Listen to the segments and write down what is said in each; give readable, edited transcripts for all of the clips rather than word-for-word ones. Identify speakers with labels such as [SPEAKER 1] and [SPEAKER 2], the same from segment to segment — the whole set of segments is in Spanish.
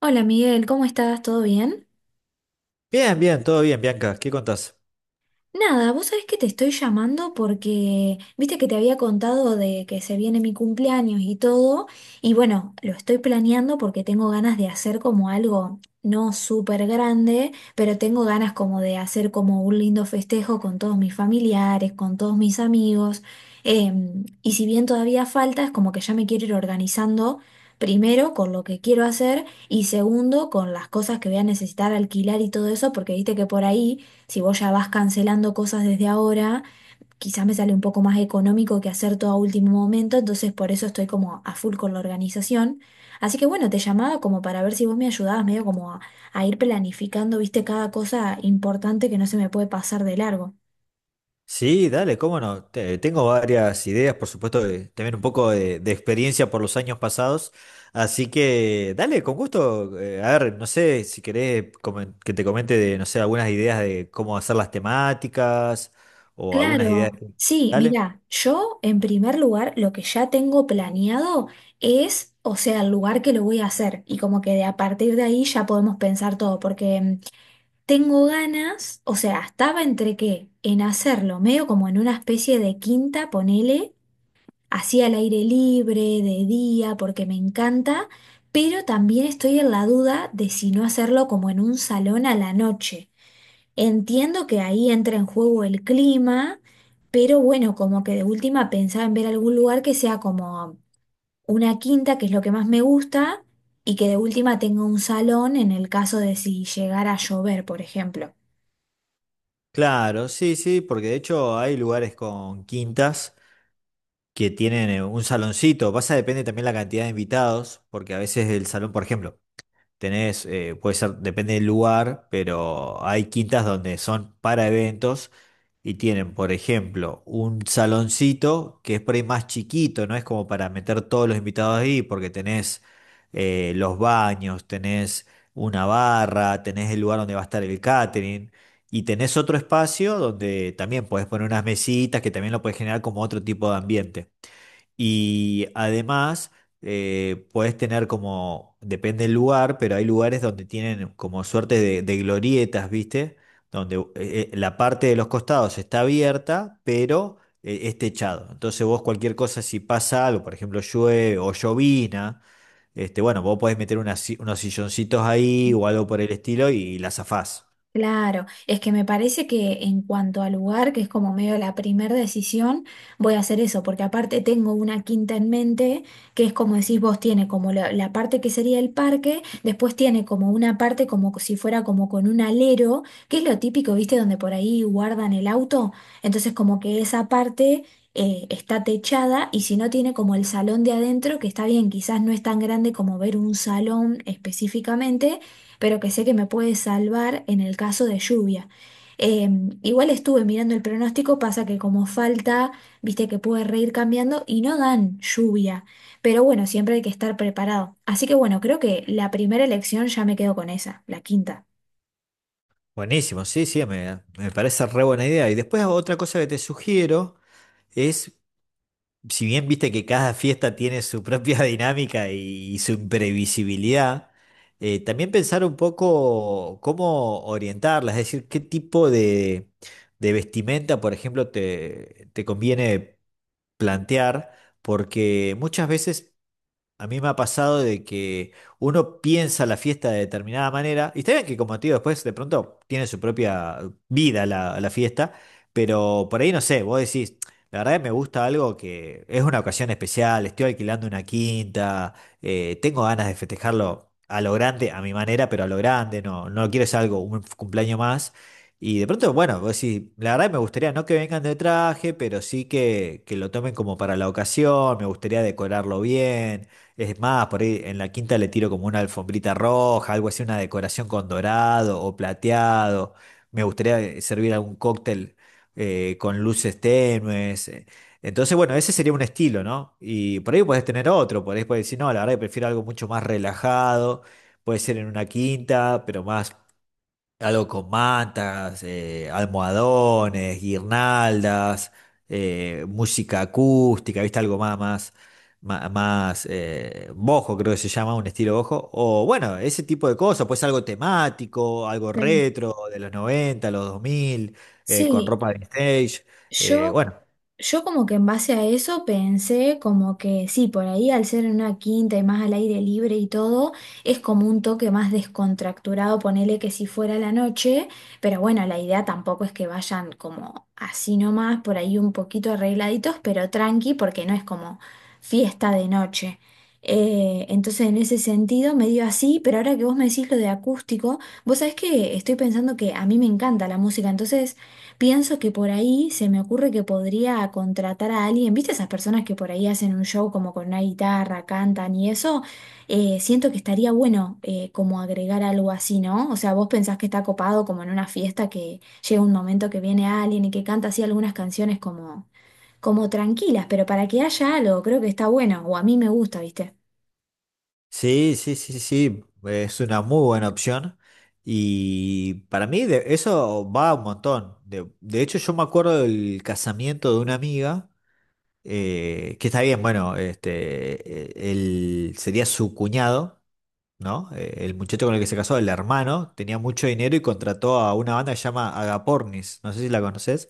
[SPEAKER 1] Hola, Miguel, ¿cómo estás? ¿Todo bien?
[SPEAKER 2] Bien, bien, todo bien, Bianca. ¿Qué contás?
[SPEAKER 1] Nada, vos sabés que te estoy llamando porque viste que te había contado de que se viene mi cumpleaños y todo, y bueno, lo estoy planeando porque tengo ganas de hacer como algo no súper grande, pero tengo ganas como de hacer como un lindo festejo con todos mis familiares, con todos mis amigos. Y si bien todavía falta, es como que ya me quiero ir organizando. Primero, con lo que quiero hacer y segundo, con las cosas que voy a necesitar alquilar y todo eso, porque viste que por ahí, si vos ya vas cancelando cosas desde ahora, quizás me sale un poco más económico que hacer todo a último momento, entonces por eso estoy como a full con la organización. Así que bueno, te llamaba como para ver si vos me ayudabas medio como a ir planificando, viste, cada cosa importante que no se me puede pasar de largo.
[SPEAKER 2] Sí, dale, cómo no. Tengo varias ideas, por supuesto, también un poco de experiencia por los años pasados. Así que, dale, con gusto. A ver, no sé si querés que te comente de, no sé, algunas ideas de cómo hacer las temáticas o algunas ideas.
[SPEAKER 1] Claro, sí,
[SPEAKER 2] Dale.
[SPEAKER 1] mira, yo en primer lugar lo que ya tengo planeado es, o sea, el lugar que lo voy a hacer y como que de a partir de ahí ya podemos pensar todo, porque tengo ganas, o sea, estaba entre qué, en hacerlo, medio como en una especie de quinta, ponele, así al aire libre, de día, porque me encanta, pero también estoy en la duda de si no hacerlo como en un salón a la noche. Entiendo que ahí entra en juego el clima, pero bueno, como que de última pensaba en ver algún lugar que sea como una quinta, que es lo que más me gusta, y que de última tenga un salón en el caso de si llegara a llover, por ejemplo.
[SPEAKER 2] Claro, sí, sí, porque de hecho hay lugares con quintas que tienen un saloncito. Pasa, depende también la cantidad de invitados, porque a veces el salón, por ejemplo. Tenés, puede ser, depende del lugar, pero hay quintas donde son para eventos y tienen, por ejemplo, un saloncito que es por ahí más chiquito, no es como para meter todos los invitados ahí, porque tenés los baños, tenés una barra, tenés el lugar donde va a estar el catering y tenés otro espacio donde también podés poner unas mesitas que también lo podés generar como otro tipo de ambiente. Y además, podés tener como, depende del lugar, pero hay lugares donde tienen como suerte de glorietas, ¿viste? Donde la parte de los costados está abierta, pero es techado. Entonces vos cualquier cosa, si pasa algo, por ejemplo, llueve o llovina, este, bueno, vos podés meter unas si- unos silloncitos ahí o algo por el estilo y la zafás.
[SPEAKER 1] Claro, es que me parece que en cuanto al lugar, que es como medio la primera decisión, voy a hacer eso, porque aparte tengo una quinta en mente, que es como decís vos, tiene como la parte que sería el parque, después tiene como una parte como si fuera como con un alero, que es lo típico, ¿viste? Donde por ahí guardan el auto, entonces como que esa parte... está techada y si no tiene como el salón de adentro, que está bien, quizás no es tan grande como ver un salón específicamente, pero que sé que me puede salvar en el caso de lluvia. Eh, igual estuve mirando el pronóstico, pasa que como falta, viste que puede reír cambiando y no dan lluvia, pero bueno, siempre hay que estar preparado. Así que bueno, creo que la primera elección ya me quedo con esa, la quinta.
[SPEAKER 2] Buenísimo, sí, sí, me parece re buena idea. Y después otra cosa que te sugiero es si bien viste que cada fiesta tiene su propia dinámica y su imprevisibilidad, también pensar un poco cómo orientarla, es decir, qué tipo de vestimenta, por ejemplo, te conviene plantear, porque muchas veces, a mí me ha pasado de que uno piensa la fiesta de determinada manera, y está bien que, como te digo, después de pronto tiene su propia vida la fiesta, pero por ahí no sé, vos decís, la verdad que me gusta algo que es una ocasión especial, estoy alquilando una quinta, tengo ganas de festejarlo a lo grande, a mi manera, pero a lo grande, no, no quiero ser algo, un cumpleaños más. Y de pronto, bueno, vos decís, la verdad que me gustaría no que vengan de traje, pero sí que lo tomen como para la ocasión, me gustaría decorarlo bien, es más, por ahí en la quinta le tiro como una alfombrita roja, algo así, una decoración con dorado o plateado. Me gustaría servir algún cóctel con luces tenues. Entonces, bueno, ese sería un estilo, ¿no? Y por ahí puedes tener otro, por ahí puedes decir, no, la verdad que prefiero algo mucho más relajado, puede ser en una quinta, pero más. Algo con mantas, almohadones, guirnaldas, música acústica, ¿viste? Algo más, más, bojo, creo que se llama, un estilo bojo. O bueno, ese tipo de cosas, pues algo temático, algo
[SPEAKER 1] Sí,
[SPEAKER 2] retro, de los 90, los 2000, con
[SPEAKER 1] sí,
[SPEAKER 2] ropa de stage. Eh,
[SPEAKER 1] yo
[SPEAKER 2] bueno,
[SPEAKER 1] Yo como que en base a eso pensé como que sí, por ahí al ser en una quinta y más al aire libre y todo, es como un toque más descontracturado, ponele que si fuera la noche, pero bueno, la idea tampoco es que vayan como así nomás, por ahí un poquito arregladitos, pero tranqui, porque no es como fiesta de noche. Entonces en ese sentido medio así, pero ahora que vos me decís lo de acústico, vos sabés que estoy pensando que a mí me encanta la música, entonces... Pienso que por ahí se me ocurre que podría contratar a alguien, ¿viste esas personas que por ahí hacen un show como con una guitarra, cantan y eso? Siento que estaría bueno como agregar algo así, ¿no? O sea, ¿vos pensás que está copado como en una fiesta que llega un momento que viene alguien y que canta así algunas canciones como, como tranquilas, pero para que haya algo? Creo que está bueno, o a mí me gusta, ¿viste?
[SPEAKER 2] Sí, sí, sí, sí, es una muy buena opción y para mí eso va un montón. De hecho, yo me acuerdo del casamiento de una amiga, que está bien, bueno, este, él sería su cuñado, ¿no? El muchacho con el que se casó, el hermano, tenía mucho dinero y contrató a una banda que se llama Agapornis, no sé si la conoces,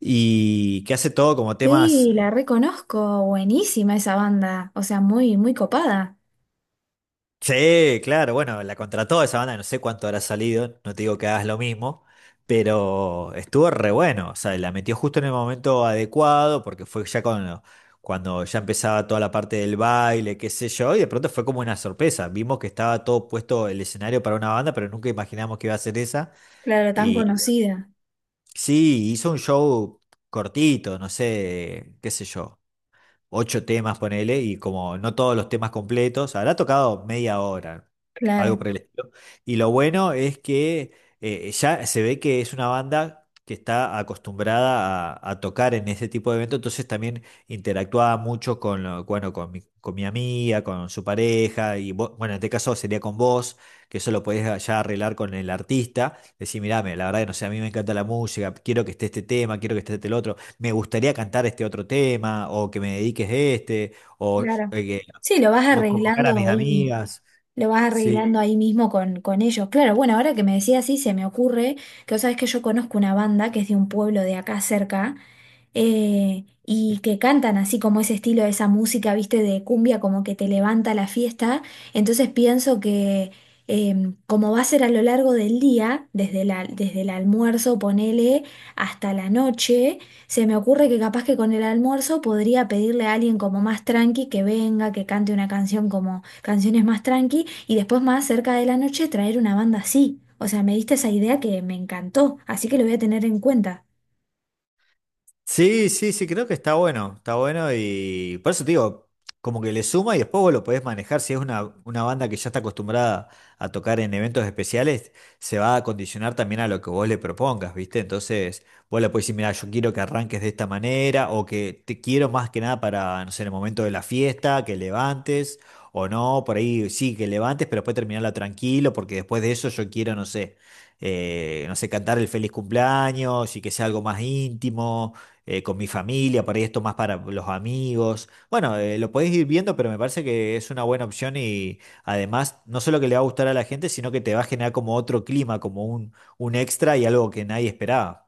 [SPEAKER 2] y que hace todo como temas.
[SPEAKER 1] Sí, la reconozco, buenísima esa banda, o sea, muy, muy copada,
[SPEAKER 2] Sí, claro, bueno, la contrató esa banda, no sé cuánto habrá salido, no te digo que hagas lo mismo, pero estuvo re bueno, o sea, la metió justo en el momento adecuado, porque fue ya cuando ya empezaba toda la parte del baile, qué sé yo, y de pronto fue como una sorpresa, vimos que estaba todo puesto el escenario para una banda, pero nunca imaginamos que iba a ser esa,
[SPEAKER 1] claro, tan
[SPEAKER 2] y
[SPEAKER 1] conocida,
[SPEAKER 2] sí, hizo un show cortito, no sé, qué sé yo, 8 temas, ponele, y como no todos los temas completos, habrá tocado media hora, algo
[SPEAKER 1] claro.
[SPEAKER 2] por el estilo. Y lo bueno es que ya se ve que es una banda que está acostumbrada a tocar en ese tipo de evento, entonces también interactuaba mucho con, bueno, con con mi amiga, con su pareja, y bueno, en este caso sería con vos, que eso lo podés ya arreglar con el artista, decir, mirá, la verdad que no sé, a mí me encanta la música, quiero que esté este tema, quiero que esté este el otro, me gustaría cantar este otro tema, o que me dediques este, o,
[SPEAKER 1] Claro. Sí, lo vas
[SPEAKER 2] o convocar a
[SPEAKER 1] arreglando
[SPEAKER 2] mis
[SPEAKER 1] ahí,
[SPEAKER 2] amigas.
[SPEAKER 1] lo vas
[SPEAKER 2] Sí.
[SPEAKER 1] arreglando ahí mismo con ellos. Claro, bueno, ahora que me decías así, se me ocurre que vos sabés que yo conozco una banda que es de un pueblo de acá cerca, y que cantan así como ese estilo de esa música, viste, de cumbia, como que te levanta la fiesta. Entonces pienso que como va a ser a lo largo del día, desde la, desde el almuerzo, ponele, hasta la noche, se me ocurre que capaz que con el almuerzo podría pedirle a alguien como más tranqui que venga, que cante una canción como canciones más tranqui, y después más cerca de la noche traer una banda así. O sea, me diste esa idea que me encantó, así que lo voy a tener en cuenta.
[SPEAKER 2] Sí, sí, sí, creo que está bueno y por eso te digo, como que le suma y después vos lo podés manejar, si es una banda que ya está acostumbrada a tocar en eventos especiales, se va a condicionar también a lo que vos le propongas, ¿viste? Entonces vos le podés decir, mira, yo quiero que arranques de esta manera o que te quiero más que nada para, no sé, en el momento de la fiesta, que levantes o no, por ahí sí, que levantes, pero después terminarla tranquilo porque después de eso yo quiero, no sé, no sé, cantar el feliz cumpleaños y que sea algo más íntimo con mi familia, por ahí esto más para los amigos. Bueno, lo podéis ir viendo, pero me parece que es una buena opción y además no solo que le va a gustar a la gente, sino que te va a generar como otro clima, como un extra y algo que nadie esperaba.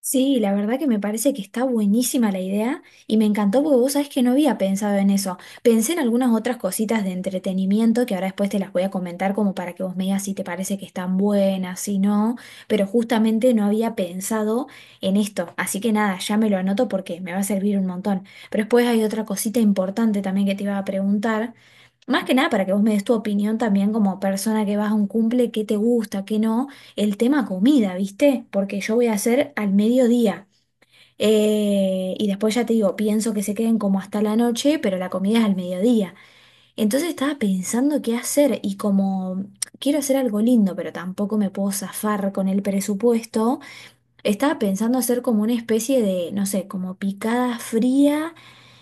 [SPEAKER 1] Sí, la verdad que me parece que está buenísima la idea y me encantó porque vos sabés que no había pensado en eso. Pensé en algunas otras cositas de entretenimiento que ahora después te las voy a comentar como para que vos me digas si te parece que están buenas, si no, pero justamente no había pensado en esto. Así que nada, ya me lo anoto porque me va a servir un montón. Pero después hay otra cosita importante también que te iba a preguntar. Más que nada para que vos me des tu opinión también como persona que vas a un cumple, qué te gusta, qué no, el tema comida, ¿viste? Porque yo voy a hacer al mediodía. Y después ya te digo, pienso que se queden como hasta la noche, pero la comida es al mediodía. Entonces estaba pensando qué hacer y como quiero hacer algo lindo, pero tampoco me puedo zafar con el presupuesto. Estaba pensando hacer como una especie de, no sé, como picada fría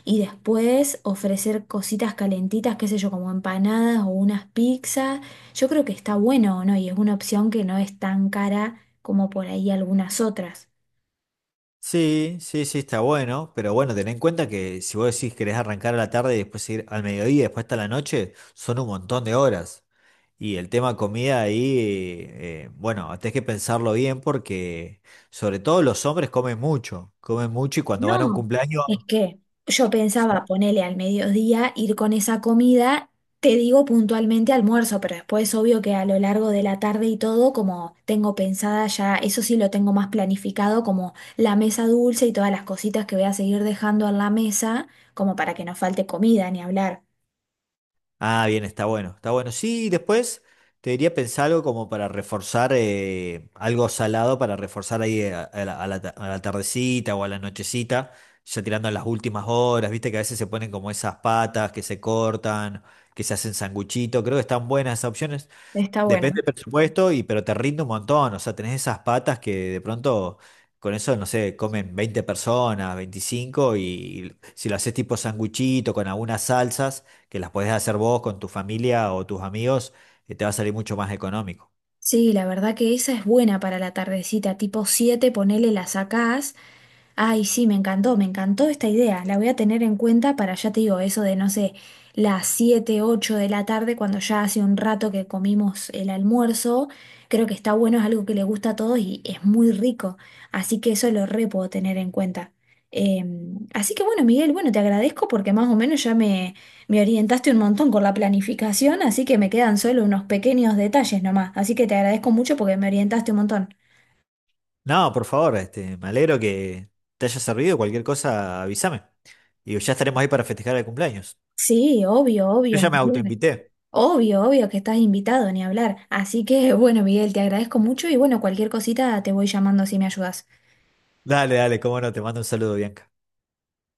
[SPEAKER 1] y después ofrecer cositas calentitas, qué sé yo, como empanadas o unas pizzas. Yo creo que está bueno, ¿no? Y es una opción que no es tan cara como por ahí algunas otras.
[SPEAKER 2] Sí, sí, sí, está bueno, pero bueno, ten en cuenta que si vos decís querés arrancar a la tarde y después ir al mediodía, y después hasta la noche, son un montón de horas. Y el tema comida ahí, bueno, tenés que pensarlo bien porque sobre todo los hombres comen mucho y cuando van a un
[SPEAKER 1] No,
[SPEAKER 2] cumpleaños.
[SPEAKER 1] es que yo pensaba ponerle al mediodía, ir con esa comida, te digo puntualmente almuerzo, pero después obvio que a lo largo de la tarde y todo, como tengo pensada ya, eso sí lo tengo más planificado, como la mesa dulce y todas las cositas que voy a seguir dejando en la mesa, como para que no falte comida ni hablar.
[SPEAKER 2] Ah, bien, está bueno, está bueno. Sí, y después te diría pensar algo como para reforzar, algo salado para reforzar ahí a, a la a la tardecita o a la nochecita, ya tirando a las últimas horas, viste que a veces se ponen como esas patas que se cortan, que se hacen sanguchito, creo que están buenas esas opciones.
[SPEAKER 1] Está
[SPEAKER 2] Depende
[SPEAKER 1] bueno.
[SPEAKER 2] del presupuesto, y, pero te rinde un montón. O sea, tenés esas patas que de pronto con eso, no sé, comen 20 personas, 25 y si lo haces tipo sanguchito con algunas salsas, que las podés hacer vos con tu familia o tus amigos, te va a salir mucho más económico.
[SPEAKER 1] Sí, la verdad que esa es buena para la tardecita, tipo 7, ponele, la sacás. Ay, sí, me encantó esta idea. La voy a tener en cuenta para, ya te digo, eso de, no sé, las 7 u 8 de la tarde, cuando ya hace un rato que comimos el almuerzo. Creo que está bueno, es algo que le gusta a todos y es muy rico. Así que eso lo re puedo tener en cuenta. Eh, Así que bueno, Miguel, bueno, te agradezco porque más o menos ya me orientaste un montón con la planificación, así que me quedan solo unos pequeños detalles nomás. Así que te agradezco mucho porque me orientaste un montón.
[SPEAKER 2] No, por favor, este, me alegro que te haya servido. Cualquier cosa, avísame. Y ya estaremos ahí para festejar el cumpleaños.
[SPEAKER 1] Sí, obvio,
[SPEAKER 2] Yo
[SPEAKER 1] obvio, ni
[SPEAKER 2] ya me
[SPEAKER 1] hablar.
[SPEAKER 2] autoinvité.
[SPEAKER 1] Obvio, obvio que estás invitado, ni hablar. Así que bueno, Miguel, te agradezco mucho y bueno, cualquier cosita te voy llamando si me ayudas.
[SPEAKER 2] Dale, dale, cómo no, te mando un saludo, Bianca.